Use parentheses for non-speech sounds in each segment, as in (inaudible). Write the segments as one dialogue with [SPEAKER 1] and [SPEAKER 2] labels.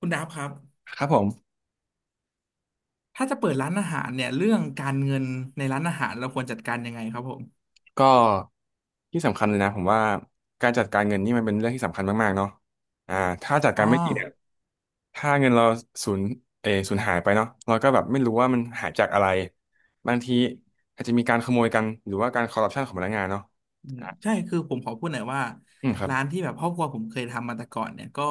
[SPEAKER 1] คุณดับครับ
[SPEAKER 2] ครับผม
[SPEAKER 1] ถ้าจะเปิดร้านอาหารเนี่ยเรื่องการเงินในร้านอาหารเราควรจัดการยังไงครับผม
[SPEAKER 2] ก็ที่สำคัญเลยนะผมว่าการจัดการเงินนี่มันเป็นเรื่องที่สำคัญมากๆเนาะอ่าถ้าจัด
[SPEAKER 1] อ๋
[SPEAKER 2] กา
[SPEAKER 1] อ
[SPEAKER 2] รไม่ดีเนี่ยถ้าเงินเราสูญเออสูญหายไปเนาะเราก็แบบไม่รู้ว่ามันหายจากอะไรบางทีอาจจะมีการขโมยกันหรือว่าการคอร์รัปชันของพนักงานเนาะ
[SPEAKER 1] อืมใช่คือผมขอพูดหน่อยว่า
[SPEAKER 2] อืมครับ
[SPEAKER 1] ร้านที่แบบครอบครัวผมเคยทำมาแต่ก่อนเนี่ยก็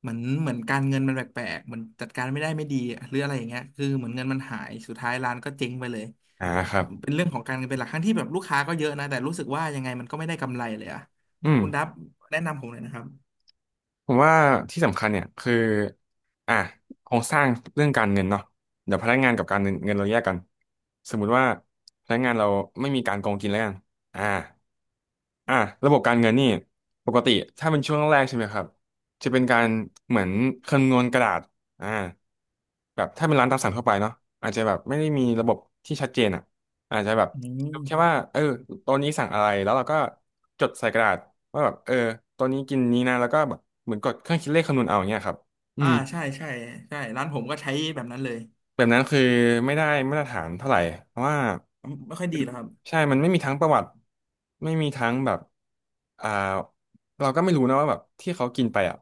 [SPEAKER 1] เหมือนการเงินมันแปลกๆเหมือนจัดการไม่ได้ไม่ดีหรืออะไรอย่างเงี้ยคือเหมือนเงินมันหายสุดท้ายร้านก็เจ๊งไปเลย
[SPEAKER 2] ครับ
[SPEAKER 1] เป็นเรื่องของการเงินเป็นหลักทั้งที่แบบลูกค้าก็เยอะนะแต่รู้สึกว่ายังไงมันก็ไม่ได้กำไรเลยอะ
[SPEAKER 2] อืม
[SPEAKER 1] คุณดับแนะนำผมหน่อยนะครับ
[SPEAKER 2] ผมว่าที่สำคัญเนี่ยคืออ่ะโครงสร้างเรื่องการเงินเนาะเดี๋ยวพนักงานกับการเงินเราแยกกันสมมุติว่าพนักงานเราไม่มีการโกงกินแล้วกันอ่าอ่ะระบบการเงินนี่ปกติถ้าเป็นช่วงแรกๆใช่ไหมครับจะเป็นการเหมือนคำนวณกระดาษอ่าแบบถ้าเป็นร้านตามสั่งทั่วไปเนาะอาจจะแบบไม่ได้มีระบบที่ชัดเจนอ่ะ อาจจะแบบ
[SPEAKER 1] อืม
[SPEAKER 2] ดูแค่ว่าเออตัวนี้สั่งอะไรแล้วเราก็จดใส่กระดาษว่าแบบเออตัวนี้กินนี้นะแล้วก็แบบเหมือนกดเครื่องคิดเลขคำนวณเอาอย่างเงี้ยครับอื
[SPEAKER 1] อ่า
[SPEAKER 2] ม
[SPEAKER 1] ใช่ใช่ใช่ร้านผมก็ใช้แบบนั้นเลย
[SPEAKER 2] แบบนั้นคือไม่ได้มาตรฐานเท่าไหร่เพราะว่า
[SPEAKER 1] ไม่ค่อยดีเหรอครับ
[SPEAKER 2] ใช่มันไม่มีทั้งประวัติไม่มีทั้งแบบอ่าเราก็ไม่รู้นะว่าแบบที่เขากินไปอ่ะ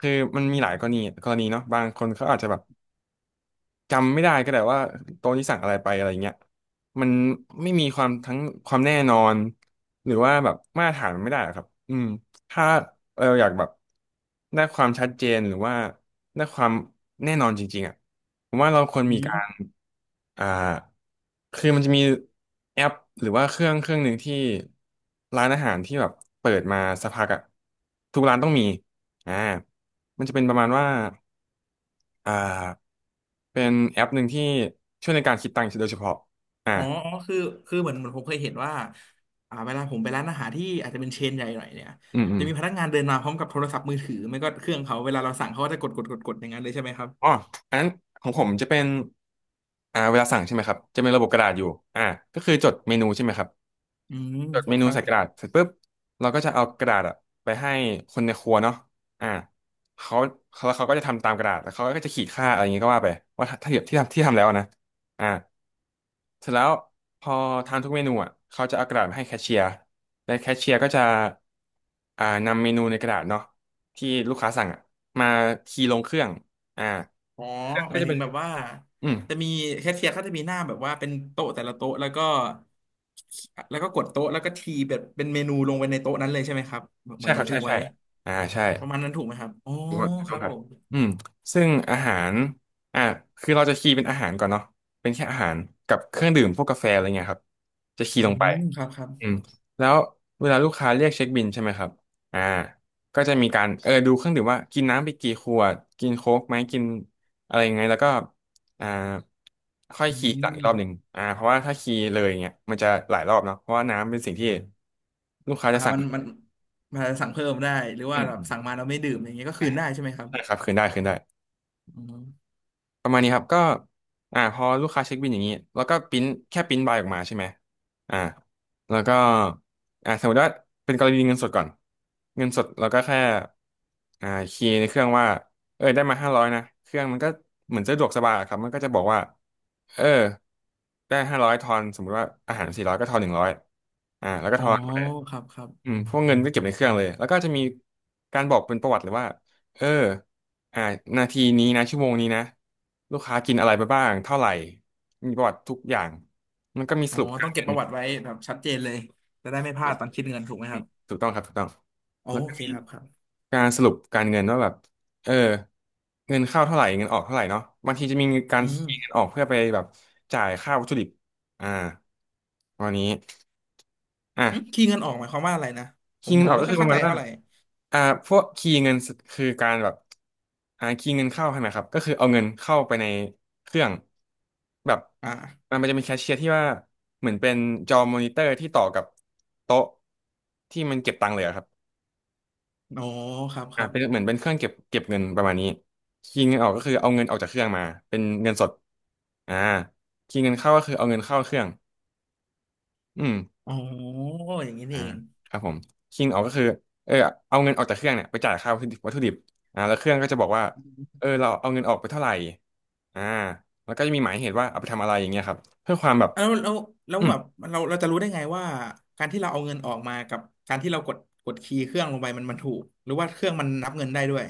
[SPEAKER 2] คือมันมีหลายกรณีกรณีเนาะบางคนเขาอาจจะแบบ จำไม่ได้ก็แต่ว่าโต๊ะนี้สั่งอะไรไปอะไรเงี้ยมันไม่มีความทั้งความแน่นอนหรือว่าแบบมาตรฐานมันไม่ได้อะครับอืมถ้าเราอยากแบบได้ความชัดเจนหรือว่าได้ความแน่นอนจริงๆอ่ะผมว่าเราควร
[SPEAKER 1] อื
[SPEAKER 2] มีกา
[SPEAKER 1] ม
[SPEAKER 2] รอ่าคือมันจะมีแอปหรือว่าเครื่องหนึ่งที่ร้านอาหารที่แบบเปิดมาสักพักอ่ะทุกร้านต้องมีอ่ามันจะเป็นประมาณว่าอ่า เป็นแอปหนึ่งที่ช่วยในการคิดตังค์โดยเฉพาะอ่า
[SPEAKER 1] อ๋ออ๋อ คือ คือเหมือนผมเคยเห็นว่าอ่าเวลาผมไปร้านอาหารที่อาจจะเป็นเชนใหญ่หน่อยเนี่ย
[SPEAKER 2] อืมอื
[SPEAKER 1] จะ
[SPEAKER 2] ม
[SPEAKER 1] มีพนักงานเดินมาพร้อมกับโทรศัพท์มือถือ ไม่ก็เครื่องเขาเวลาเราสั่งเขาก็จะกดอย่างนั้นเลยใช่ไหมครับ
[SPEAKER 2] อ๋ออันนั้นของผมจะเป็นเวลาสั่งใช่ไหมครับ จะเป็นระบบกระดาษอยู่อ่าก็คือจดเมนูใช่ไหมครับ
[SPEAKER 1] อืม
[SPEAKER 2] จดเม
[SPEAKER 1] ค
[SPEAKER 2] นู
[SPEAKER 1] รับ
[SPEAKER 2] ใส่กระดาษเสร็จปุ๊บเราก็จะเอากระดาษอะไปให้คนในครัวเนาะอ่าเขาแล้วเขาก็จะทำตามกระดาษแล้วเขาก็จะขีดค่าอะไรอย่างงี้ก็ว่าไปว่าถ้าเทียบที่ทำแล้วนะอ่าเสร็จแล้วพอทานทุกเมนูอ่ะเขาจะเอากระดาษมาให้แคชเชียร์และแคชเชียร์ก็จะอ่านำเมนูในกระดาษเนาะที่ลูกค้าสั่งอ่ะมาคีย์ลงเครื่องอ่า
[SPEAKER 1] อ๋อ
[SPEAKER 2] เครื่อง
[SPEAKER 1] ห
[SPEAKER 2] ก็
[SPEAKER 1] มาย
[SPEAKER 2] จะ
[SPEAKER 1] ถึ
[SPEAKER 2] เป็
[SPEAKER 1] ง
[SPEAKER 2] น
[SPEAKER 1] แบบว่า
[SPEAKER 2] อืม
[SPEAKER 1] จะมีแคชเชียร์เขาจะมีหน้าแบบว่าเป็นโต๊ะแต่ละโต๊ะแล้วก็กดโต๊ะแล้วก็ทีแบบเป็นเมนูลงไปในโต๊ะนั้นเลยใช่ไหมครับเหมื
[SPEAKER 2] ใช่
[SPEAKER 1] อน
[SPEAKER 2] ครั
[SPEAKER 1] บัน
[SPEAKER 2] บ
[SPEAKER 1] ทึ
[SPEAKER 2] ใช่
[SPEAKER 1] ก
[SPEAKER 2] ใช่
[SPEAKER 1] ไว้
[SPEAKER 2] อ่าใช่
[SPEAKER 1] ประมาณนั้นถูกไหมครับอ๋อ
[SPEAKER 2] ถูกอน
[SPEAKER 1] ค
[SPEAKER 2] ต้อ
[SPEAKER 1] รั
[SPEAKER 2] ง
[SPEAKER 1] บ
[SPEAKER 2] ครั
[SPEAKER 1] ผ
[SPEAKER 2] บ
[SPEAKER 1] ม
[SPEAKER 2] อืมซึ่งอาหารอ่ะคือเราจะคีย์เป็นอาหารก่อนเนาะเป็นแค่อาหารกับเครื่องดื่มพวกกาแฟอะไรเงี้ยครับจะคี
[SPEAKER 1] อื
[SPEAKER 2] ย์ลงไป
[SPEAKER 1] มครับครับ
[SPEAKER 2] อืมแล้วเวลาลูกค้าเรียกเช็คบิลใช่ไหมครับอ่าก็จะมีการเออดูเครื่องดื่มว่ากินน้ำไปกี่ขวดกินโค้กไหมกินอะไรยังไงแล้วก็อ่าค่อย
[SPEAKER 1] อื
[SPEAKER 2] คีย์หลัง
[SPEAKER 1] ม
[SPEAKER 2] อีกรอบหนึ่งเพราะว่าถ้าคีย์เลยเงี้ยมันจะหลายรอบเนาะเพราะว่าน้ำเป็นสิ่งที่ลูกค้า
[SPEAKER 1] อ่า
[SPEAKER 2] จะสั่ง
[SPEAKER 1] มันอาจจะสั่งเพิ่มได้หรือ
[SPEAKER 2] อื
[SPEAKER 1] ว่า
[SPEAKER 2] ม
[SPEAKER 1] แบ
[SPEAKER 2] อ
[SPEAKER 1] บสั่ง
[SPEAKER 2] ม
[SPEAKER 1] มาแล้วไม่ดื่มอย่างเงี้ยก็
[SPEAKER 2] อ่า
[SPEAKER 1] คืนได้ใช่ไหมครับ
[SPEAKER 2] ใช่ครับคืนได้คืนได้
[SPEAKER 1] อืม
[SPEAKER 2] ประมาณนี้ครับก็พอลูกค้าเช็คบิลอย่างนี้แล้วก็ปริ้นแค่ปริ้นใบออกมาใช่ไหมอ่าแล้วก็สมมติว่าเป็นกรณีเงินสดก่อนเงินสดเราก็แค่คีย์ในเครื่องว่าเออได้มาห้าร้อยนะเครื่องมันก็เหมือนสะดวกสบายอะครับมันก็จะบอกว่าเออได้ห้าร้อยทอนสมมติว่าอาหาร400ก็ทอน100แล้วก็
[SPEAKER 1] อ๋
[SPEAKER 2] ท
[SPEAKER 1] อ
[SPEAKER 2] อน
[SPEAKER 1] ครับครับ
[SPEAKER 2] อืมพวกเงินก็เก็บในเครื่องเลยแล้วก็จะมีการบอกเป็นประวัติเลยว่าเอออ่านาทีนี้นะชั่วโมงนี้นะลูกค้ากินอะไรไปบ้างเท่าไหร่มีประวัติทุกอย่างมันก็มีส
[SPEAKER 1] อ๋อ
[SPEAKER 2] รุปกา
[SPEAKER 1] ต้อ
[SPEAKER 2] ร
[SPEAKER 1] งเก็
[SPEAKER 2] เงิ
[SPEAKER 1] บ
[SPEAKER 2] น
[SPEAKER 1] ประวัติไว้แบบชัดเจนเลยจะได้ไม่พ
[SPEAKER 2] ค
[SPEAKER 1] ลา
[SPEAKER 2] รั
[SPEAKER 1] ด
[SPEAKER 2] บ
[SPEAKER 1] ตอนคิดเงินถูกไหม
[SPEAKER 2] อื
[SPEAKER 1] ครั
[SPEAKER 2] ม
[SPEAKER 1] บ
[SPEAKER 2] ถูกต้องครับถูกต้อง
[SPEAKER 1] อ๋อ
[SPEAKER 2] แล้ว
[SPEAKER 1] โอ
[SPEAKER 2] ก็
[SPEAKER 1] เค
[SPEAKER 2] มี
[SPEAKER 1] ครับครับ
[SPEAKER 2] การสรุปการเงินว่าแบบเออเงินเข้าเท่าไหร่เงินออกเท่าไหร่เนาะบางทีจะมีกา
[SPEAKER 1] อื
[SPEAKER 2] รเค
[SPEAKER 1] ม
[SPEAKER 2] ลียร์เงินออกเพื่อไปแบบจ่ายค่าวัตถุดิบอ่าวันนี้
[SPEAKER 1] หึ
[SPEAKER 2] อ่ะ
[SPEAKER 1] คีย์เงินออกหมายความว่าอะไรนะผ
[SPEAKER 2] คี
[SPEAKER 1] ม
[SPEAKER 2] ย์เงิ
[SPEAKER 1] ผ
[SPEAKER 2] นอ
[SPEAKER 1] ม
[SPEAKER 2] อก
[SPEAKER 1] ไม่
[SPEAKER 2] ก็
[SPEAKER 1] ค่อ
[SPEAKER 2] คื
[SPEAKER 1] ย
[SPEAKER 2] อป
[SPEAKER 1] เข้า
[SPEAKER 2] ระ
[SPEAKER 1] ใจ
[SPEAKER 2] มาณว่า
[SPEAKER 1] เท่าไหร่
[SPEAKER 2] อ่าพวกคีย์เงินคือการแบบคีย์เงินเข้าใช่ไหมครับก็คือเอาเงินเข้าไปในเครื่องแบบ
[SPEAKER 1] อ
[SPEAKER 2] อ่า
[SPEAKER 1] ่า
[SPEAKER 2] มันจะมีแคชเชียร์ที่ว่าเหมือนเป็นจอมอนิเตอร์ที่ต่อกับโต๊ะที่มันเก็บตังค์เลยอะครับ
[SPEAKER 1] อ๋อครับครับ
[SPEAKER 2] เป็นเหมือนเป็นเครื่องเก็บเงินประมาณนี้คีย์เงินออกก็คือเอาเงินออกจากเครื่องมา เป็นเงินสดอ่าคีย์เงินเข้าก็คือเอาเงินเข้าเครื่องอืม
[SPEAKER 1] อ๋ออย่างนี้
[SPEAKER 2] อ่า
[SPEAKER 1] นี่เอง
[SPEAKER 2] ครับผมคิงออกก็คือเออเอาเงินออกจากเครื่องเนี่ยไปจ่ายค่าวัตถุดิบแล้วเครื่องก็จะบอกว่าเราเอาเงินออกไปเท่าไหร่อ่าแล้วก็จะมีหมายเหตุว่าเอาไปทำอะไรอย่างเงี้ยครับเพื่อความแบบ
[SPEAKER 1] อ่ะแล้ว
[SPEAKER 2] อืม
[SPEAKER 1] แบบเราจะรู้ได้ไงว่าการที่เราเอาเงินออกมากับการที่เรากดคีย์เครื่องลงไปมันมันถูกหรือว่าเครื่องมันนับเงินได้ด้วย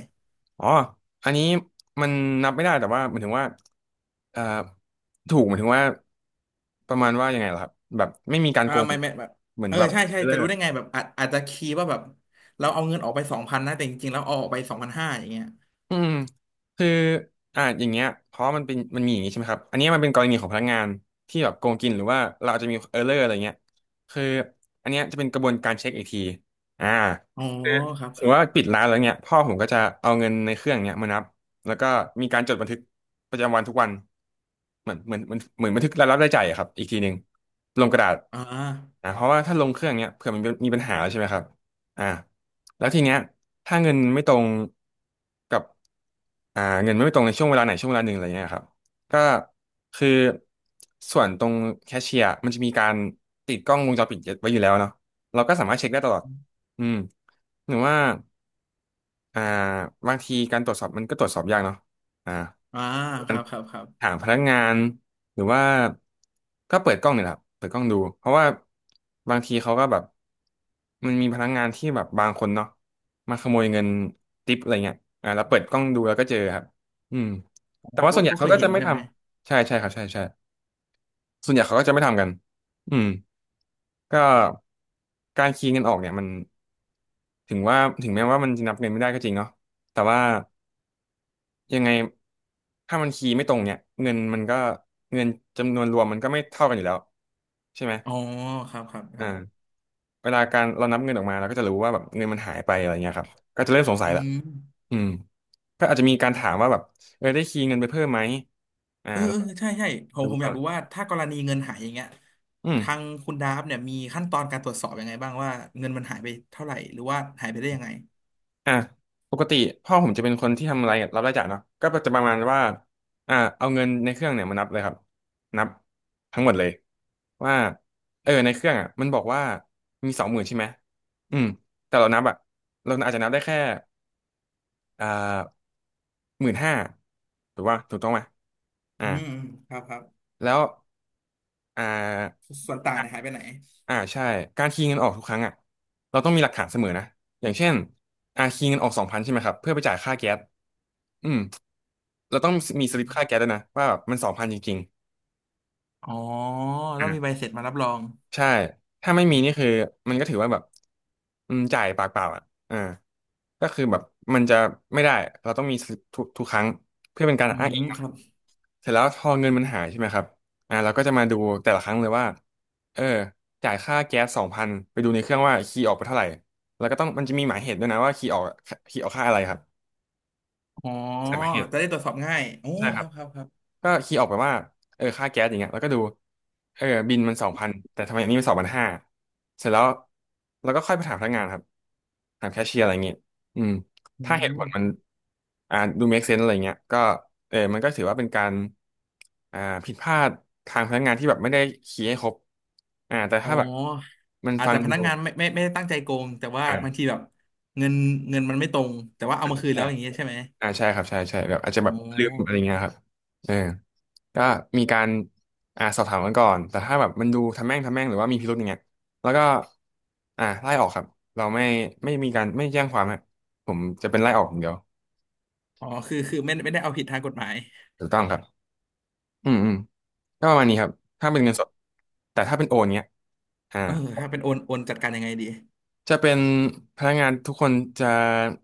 [SPEAKER 2] อ๋ออันนี้มันนับไม่ได้แต่ว่าหมายถึงว่าเอ่อถูกหมายถึงว่าประมาณว่ายังไงล่ะครับแบบไม่มีการ
[SPEAKER 1] อ่า
[SPEAKER 2] โกง
[SPEAKER 1] ไม่แบบ
[SPEAKER 2] เหมือน
[SPEAKER 1] เออ
[SPEAKER 2] แบบ
[SPEAKER 1] ใช่ใช่
[SPEAKER 2] เบล
[SPEAKER 1] จะรู้ได้
[SPEAKER 2] อ
[SPEAKER 1] ไงแบบอาจจะคีย์ว่าแบบเราเอาเงินออกไปสองพันนะแต่จริงๆแล้วเอาออกไปสองพันห้าอย่างเงี้ย
[SPEAKER 2] อืมคืออย่างเงี้ยเพราะมันเป็นมันมีอย่างงี้ใช่ไหมครับอันเนี้ยมันเป็นกรณีของพนักงานที่แบบโกงกินหรือว่าเราอาจจะมีเออร์เลอร์อะไรเงี้ยคืออันเนี้ยจะเป็นกระบวนการเช็คอีกทีอ่า
[SPEAKER 1] อ๋อครับ
[SPEAKER 2] สม
[SPEAKER 1] ค
[SPEAKER 2] ม
[SPEAKER 1] รับ
[SPEAKER 2] ติว่าปิดร้านแล้วเนี่ยพ่อผมก็จะเอาเงินในเครื่องเนี่ยมานับแล้วก็มีการจดบันทึกประจำวันทุกวันเหมือนเหมือนเหมือนเหมือนบันทึกรายรับรายจ่ายอะครับอีกทีหนึ่งลงกระดาษ
[SPEAKER 1] อ่า
[SPEAKER 2] เพราะว่าถ้าลงเครื่องเนี่ยเผื่อมันมีปัญหาใช่ไหมครับอ่าแล้วทีเนี้ยถ้าเงินไม่ตรงกับเงินไม่ตรงในช่วงเวลาไหนช่วงเวลาหนึ่งอะไรเงี้ยครับก็คือส่วนตรงแคชเชียร์มันจะมีการติดกล้องวงจรปิดไว้อยู่แล้วเนาะเราก็สามารถเช็คได้ตลอดอืมหรือว่า อ่าบางทีการตรวจสอบมันก็ตรวจสอบยากเนาะอ่า
[SPEAKER 1] อ่า
[SPEAKER 2] กา
[SPEAKER 1] ค
[SPEAKER 2] ร
[SPEAKER 1] รับครับครับ
[SPEAKER 2] หาพนักงานหรือว่าก็เปิดกล้องเนี่ยแหละครับเปิดกล้องดูเพราะว่าบางทีเขาก็แบบมันมีพนักงานที่แบบบางคนเนาะมาขโมยเงินทิปอะไรเงี้ยแล้วเปิดกล้องดูแล้วก็เจอครับอืม
[SPEAKER 1] อ๋อ
[SPEAKER 2] แต่ว่า
[SPEAKER 1] ก็
[SPEAKER 2] ส่วนใหญ่
[SPEAKER 1] ก็เค
[SPEAKER 2] เขา
[SPEAKER 1] ย
[SPEAKER 2] ก็
[SPEAKER 1] เห็
[SPEAKER 2] จะ
[SPEAKER 1] น
[SPEAKER 2] ไม่
[SPEAKER 1] ใช่
[SPEAKER 2] ท
[SPEAKER 1] ไหม
[SPEAKER 2] ำใช่ใช่ครับใช่ใช่ส่วนใหญ่เขาก็จะไม่ทำกันอืมก็การคีย์เงินออกเนี่ยมันถึงว่าถึงแม้ว่ามันจะนับเงินไม่ได้ก็จริงเนาะแต่ว่า ยังไงถ้ามันคีย์ไม่ตรงเนี่ยเงินมันก็เงินจำนวนรวมมันก็ไม่เท่ากันอยู่แล้วใช่ไหม
[SPEAKER 1] อ๋อครับครับค
[SPEAKER 2] อ่า
[SPEAKER 1] รับ
[SPEAKER 2] เวลาการเรานับเงินออกมาเราก็จะรู้ว่าแบบเงินมันหายไปอะไรเงี้ยครับก็จะเริ่มสงสั
[SPEAKER 1] อื
[SPEAKER 2] ยละ
[SPEAKER 1] ม
[SPEAKER 2] อืมก็อาจจะมีการถามว่าแบบได้คีย์เงินไปเพิ่มไหม
[SPEAKER 1] เออ
[SPEAKER 2] แล้ว
[SPEAKER 1] เออ
[SPEAKER 2] ก็
[SPEAKER 1] ใช่ใช่ผม
[SPEAKER 2] รู้
[SPEAKER 1] ผมอ
[SPEAKER 2] ก็
[SPEAKER 1] ยากรู้ว่าถ้ากรณีเงินหายอย่างเงี้ย
[SPEAKER 2] อืม
[SPEAKER 1] ทางคุณดาฟเนี่ยมีขั้นตอนการตรวจสอบยังไงบ้างว่าเงินมันหายไปเท่าไหร่หรือว่าหายไปได้ยังไง
[SPEAKER 2] อ่ะปกติพ่อผมจะเป็นคนที่ทำรายรับรายจ่ายเนาะก็จะประมาณว่าเอาเงินในเครื่องเนี่ยมานับเลยครับนับทั้งหมดเลยว่าในเครื่องอ่ะมันบอกว่ามี20,000ใช่ไหมอืมแต่เรานับอ่ะเราอาจจะนับได้แค่อ่า15,000ถูกว่าถูกต้องไหมอ่า
[SPEAKER 1] อืมอืมครับครับ
[SPEAKER 2] แล้วอ่า
[SPEAKER 1] ส่วนต่างเนี่ยหายไปไหน
[SPEAKER 2] ใช่การคีย์เงินออกทุกครั้งอ่ะเราต้องมีหลักฐานเสมอนะอย่างเช่นคีย์เงินออกสองพันใช่ไหมครับเพื่อไปจ่ายค่าแก๊สอืมเราต้องมีส
[SPEAKER 1] อ
[SPEAKER 2] ลิปค่าแก๊
[SPEAKER 1] ม
[SPEAKER 2] สด้วยนะว่าแบบมันสองพันจริง
[SPEAKER 1] อ๋อ
[SPEAKER 2] ๆ
[SPEAKER 1] ต้องมีใบเสร็จมารับรอง
[SPEAKER 2] ใช่ถ้าไม่มีนี่คือมันก็ถือว่าแบบจ่ายปากเปล่าอ่ะอ่าก็คือแบบมันจะไม่ได้เราต้องมีสลิปทุกครั้งเพื่อเป็นการ
[SPEAKER 1] อื
[SPEAKER 2] อ้างอิ
[SPEAKER 1] ม
[SPEAKER 2] ง
[SPEAKER 1] ครับ
[SPEAKER 2] เสร็จแล้วพอเงินมันหายใช่ไหมครับเราก็จะมาดูแต่ละครั้งเลยว่า เออจ่ายค่าแก๊ส2,000ไปดูในเครื่องว่าคีย์ออกไปเท่าไหร่ แล้วก็ต้องมันจะมีหมายเหตุด้วยนะว่าคีย์ออกคีย์ออกค่าอะไรครับ
[SPEAKER 1] อ๋อ
[SPEAKER 2] ใส่หมายเหตุ
[SPEAKER 1] จะได้ตรวจสอบง่ายโอ้
[SPEAKER 2] ใช่ค
[SPEAKER 1] ค
[SPEAKER 2] รั
[SPEAKER 1] รั
[SPEAKER 2] บ
[SPEAKER 1] บครับครับ
[SPEAKER 2] ก็คีย์ออกไปว่าค่าแก๊สอย่างเงี้ยแล้วก็ดูบินมันสองพันแต่ทำไมอันนี้มัน2,500เสร็จแล้วเราก็ค่อยไปถามพนักงานครับถามแคชเชียร์อะไรเงี้ยอืม
[SPEAKER 1] อื
[SPEAKER 2] ถ้าเหตุผลมัน
[SPEAKER 1] ม
[SPEAKER 2] ดู make sense อะไรเงี้ยก็มันก็ถือว่าเป็นการอ่าผิดพลาดทางพนักงานที่แบบไม่ได้คีย์ให้ครบแต่
[SPEAKER 1] อ๋อ
[SPEAKER 2] ถ้าแบบมัน
[SPEAKER 1] อาจ
[SPEAKER 2] ฟั
[SPEAKER 1] จะ
[SPEAKER 2] ง
[SPEAKER 1] พ
[SPEAKER 2] ดู
[SPEAKER 1] นักงานไม่ได้ตั้งใจโกงแต่ว่าบางที
[SPEAKER 2] อ่า
[SPEAKER 1] แบบเงินเงินมันไม่ตรงแต่ว่าเอามาคืนแล้
[SPEAKER 2] ใช่
[SPEAKER 1] วอย่างเงี้ยใช่ไหม
[SPEAKER 2] ใช่ครับใช่ใช่แบบอาจจะ
[SPEAKER 1] อ๋
[SPEAKER 2] แบบลืมอะไร
[SPEAKER 1] อ
[SPEAKER 2] เงี้ยครับเออ ก็มีการสอบถามกันก่อนแต่ถ้าแบบมันดูทำแม่งทำแม่งหรือว่ามีพิรุธอย่างเงี้ยแล้วก็ไล่ออกครับเราไม่ไม่มีการไม่แจ้งความฮะผมจะเป็นไล่ออกอย่างเดียว
[SPEAKER 1] อ๋อคือไม่ได้เอาผิดทางกฎหมาย
[SPEAKER 2] ถูกต้องครับอืมอืมก็ประมาณนี้ครับถ้าเป็นเงินสดแต่ถ้าเป็นโอนเงี้ยอ่า
[SPEAKER 1] เออถ้าเป็นโอนจัดการยังไงดี
[SPEAKER 2] จะเป็นพนักงานทุกคนจะ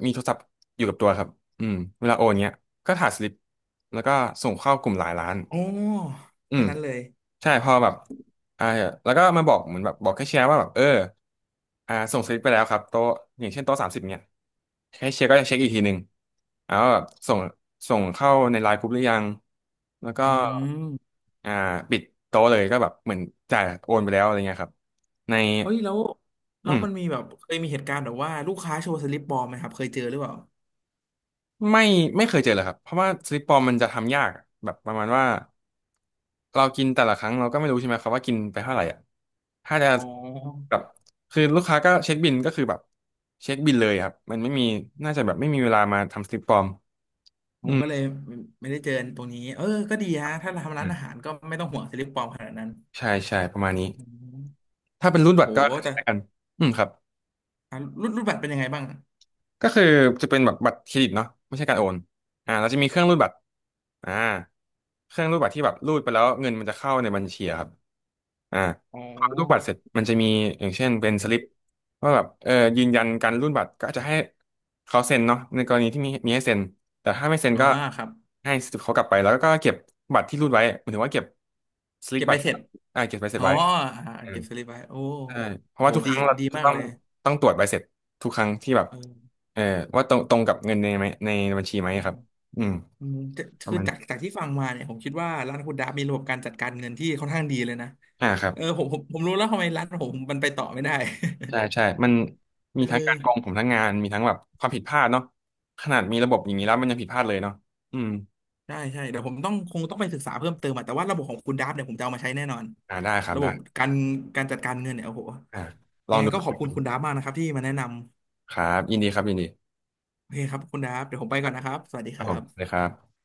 [SPEAKER 2] มีโทรศัพท์อยู่กับตัวครับอืมเวลาโอนเงี้ยก็ถ่ายสลิปแล้วก็ส่งเข้ากลุ่มหลายล้าน
[SPEAKER 1] อ๋อ
[SPEAKER 2] อื
[SPEAKER 1] แค่
[SPEAKER 2] ม
[SPEAKER 1] นั้นเลย
[SPEAKER 2] ใช่พอแบบอ่าแล้วก็มาบอกเหมือนแบบบอกแคชเชียร์ว่าแบบเออส่งสลิปไปแล้วครับโต๊ะอย่างเช่นโต๊ะ30เนี่ยแคชเชียร์ก็จะเช็คอีกทีหนึ่งแล้วาแบบส่งเข้าในไลน์กรุ๊ปหรือยังแล้วก็
[SPEAKER 1] อืม
[SPEAKER 2] อ่าปิดโต๊ะเลยก็แบบเหมือนจ่ายโอนไปแล้วอะไรเงี้ยครับใน
[SPEAKER 1] เฮ้ยแล้ว
[SPEAKER 2] อื
[SPEAKER 1] แล้ว
[SPEAKER 2] ม
[SPEAKER 1] มันมีแบบเคยมีเหตุการณ์แบบว่าลูกค้าโชว์สลิปปลอมไหมครับเคยเจอหรือเปล่า
[SPEAKER 2] ไม่ไม่เคยเจอเลยครับเพราะว่าสลิปปลอมมันจะทำยากอะแบบประมาณว่าเรากินแต่ละครั้งเราก็ไม่รู้ใช่ไหมครับว่ากินไปเท่าไหร่อ่ะถ้าจะ
[SPEAKER 1] อ๋อ
[SPEAKER 2] แบบคือลูกค้าก็เช็คบิลก็คือแบบเช็คบิลเลยครับมันไม่มีน่าจะแบบไม่มีเวลามาทำสลิปปลอม
[SPEAKER 1] ผ
[SPEAKER 2] อื
[SPEAKER 1] ม
[SPEAKER 2] ม
[SPEAKER 1] ก็เลยไม่ไม่ได้เจอตรงนี้เออก็ดี
[SPEAKER 2] ครั
[SPEAKER 1] ฮะ
[SPEAKER 2] บ
[SPEAKER 1] ถ้าทำ
[SPEAKER 2] อื
[SPEAKER 1] ร้าน
[SPEAKER 2] ม
[SPEAKER 1] อาหารก็ไม่ต้องห่วงสลิปปลอมขนาดนั้น
[SPEAKER 2] ใช่ใช่ประมาณ
[SPEAKER 1] อื
[SPEAKER 2] นี้
[SPEAKER 1] ม
[SPEAKER 2] ถ้าเป็นรูดบั
[SPEAKER 1] โห
[SPEAKER 2] ตรก็ค
[SPEAKER 1] แต่
[SPEAKER 2] ล้ายกันอืมครับ
[SPEAKER 1] อ่ะรูดบัตรเป็นยังไงบ้าง
[SPEAKER 2] ก็คือจะเป็นแบบบัตรเครดิตเนาะไม่ใช่การโอนเราจะมีเครื่องรูดบัตรอ่าเครื่องรูดบัตรที่แบบรูดไปแล้วเงินมันจะเข้าในบัญชีอะครับ อ่า
[SPEAKER 1] อ๋
[SPEAKER 2] พอรูปบัตร
[SPEAKER 1] อ
[SPEAKER 2] เสร็จมันจะมีอย่างเช่นเป็นสลิปว่าแบบเออยืนยันการรูดบัตรก็อาจจะให้เขาเซ็นเนาะในกรณีที่มีให้เซ็นแต่ถ้าไม่เซ็น
[SPEAKER 1] อ๋อ
[SPEAKER 2] ก็
[SPEAKER 1] ครับ
[SPEAKER 2] ให้สลิปเขากลับไปแล้วก็เก็บบัตรที่รูดไว้หมายถึงว่าเก็บสลิป
[SPEAKER 1] เก็บ
[SPEAKER 2] บั
[SPEAKER 1] ใบ
[SPEAKER 2] ตร
[SPEAKER 1] เสร็จ
[SPEAKER 2] เก็บใบเสร็
[SPEAKER 1] อ๋
[SPEAKER 2] จ
[SPEAKER 1] อ
[SPEAKER 2] ไว้
[SPEAKER 1] อ่า
[SPEAKER 2] อืม
[SPEAKER 1] เก็บสลิปไว้โอ้
[SPEAKER 2] ใช่เพ
[SPEAKER 1] โอ้
[SPEAKER 2] ราะ
[SPEAKER 1] โห
[SPEAKER 2] ว่าทุกค
[SPEAKER 1] ดี
[SPEAKER 2] รั้งเรา
[SPEAKER 1] ดี
[SPEAKER 2] จะ
[SPEAKER 1] มาก
[SPEAKER 2] ต้อ
[SPEAKER 1] เล
[SPEAKER 2] ง
[SPEAKER 1] ย
[SPEAKER 2] ตรวจใบเสร็จทุกครั้งที่แบบ
[SPEAKER 1] เออ
[SPEAKER 2] เออว่าตรงกับเงินในไหมในบัญชีไหม
[SPEAKER 1] อื
[SPEAKER 2] ครั
[SPEAKER 1] ม
[SPEAKER 2] บอืม
[SPEAKER 1] อืมจะ
[SPEAKER 2] ประ
[SPEAKER 1] คือ
[SPEAKER 2] มาณนี้
[SPEAKER 1] จากที่ฟังมาเนี่ยผมคิดว่าร้านคุณดาบมีระบบการจัดการเงินที่ค่อนข้างดีเลยนะ
[SPEAKER 2] ครับ
[SPEAKER 1] เออผมรู้แล้วทำไมร้านผมมันไปต่อไม่ได้
[SPEAKER 2] ใช่ใช่ มัน
[SPEAKER 1] (laughs)
[SPEAKER 2] มี
[SPEAKER 1] เอ
[SPEAKER 2] ทั้งการกอง
[SPEAKER 1] อ
[SPEAKER 2] ผมทั้งงาน มีทั้งแบบความผิดพลาดเนาะขนาดมีระบบอย่างนี้แล้วมันยังผิดพลาดเลยเนาะอืม
[SPEAKER 1] ใช่ใช่เดี๋ยวผมต้องคงต้องไปศึกษาเพิ่มเติมอะแต่ว่าระบบของคุณดับเนี่ยผมจะเอามาใช้แน่นอน
[SPEAKER 2] ได้ครับ
[SPEAKER 1] ระบ
[SPEAKER 2] ได้
[SPEAKER 1] บการการจัดการเงินเนี่ยโอ้โห
[SPEAKER 2] อ่าล
[SPEAKER 1] ยั
[SPEAKER 2] อง
[SPEAKER 1] งไง
[SPEAKER 2] ดู
[SPEAKER 1] ก็ขอบคุณคุณดับมากนะครับที่มาแนะนำ
[SPEAKER 2] ครับ ยินดีครับยินดี
[SPEAKER 1] โอเคครับคุณดับเดี๋ยวผมไปก่อนนะครับสวัสดี
[SPEAKER 2] ค
[SPEAKER 1] ค
[SPEAKER 2] รับ
[SPEAKER 1] รั
[SPEAKER 2] ผมเลย
[SPEAKER 1] บ
[SPEAKER 2] ครับ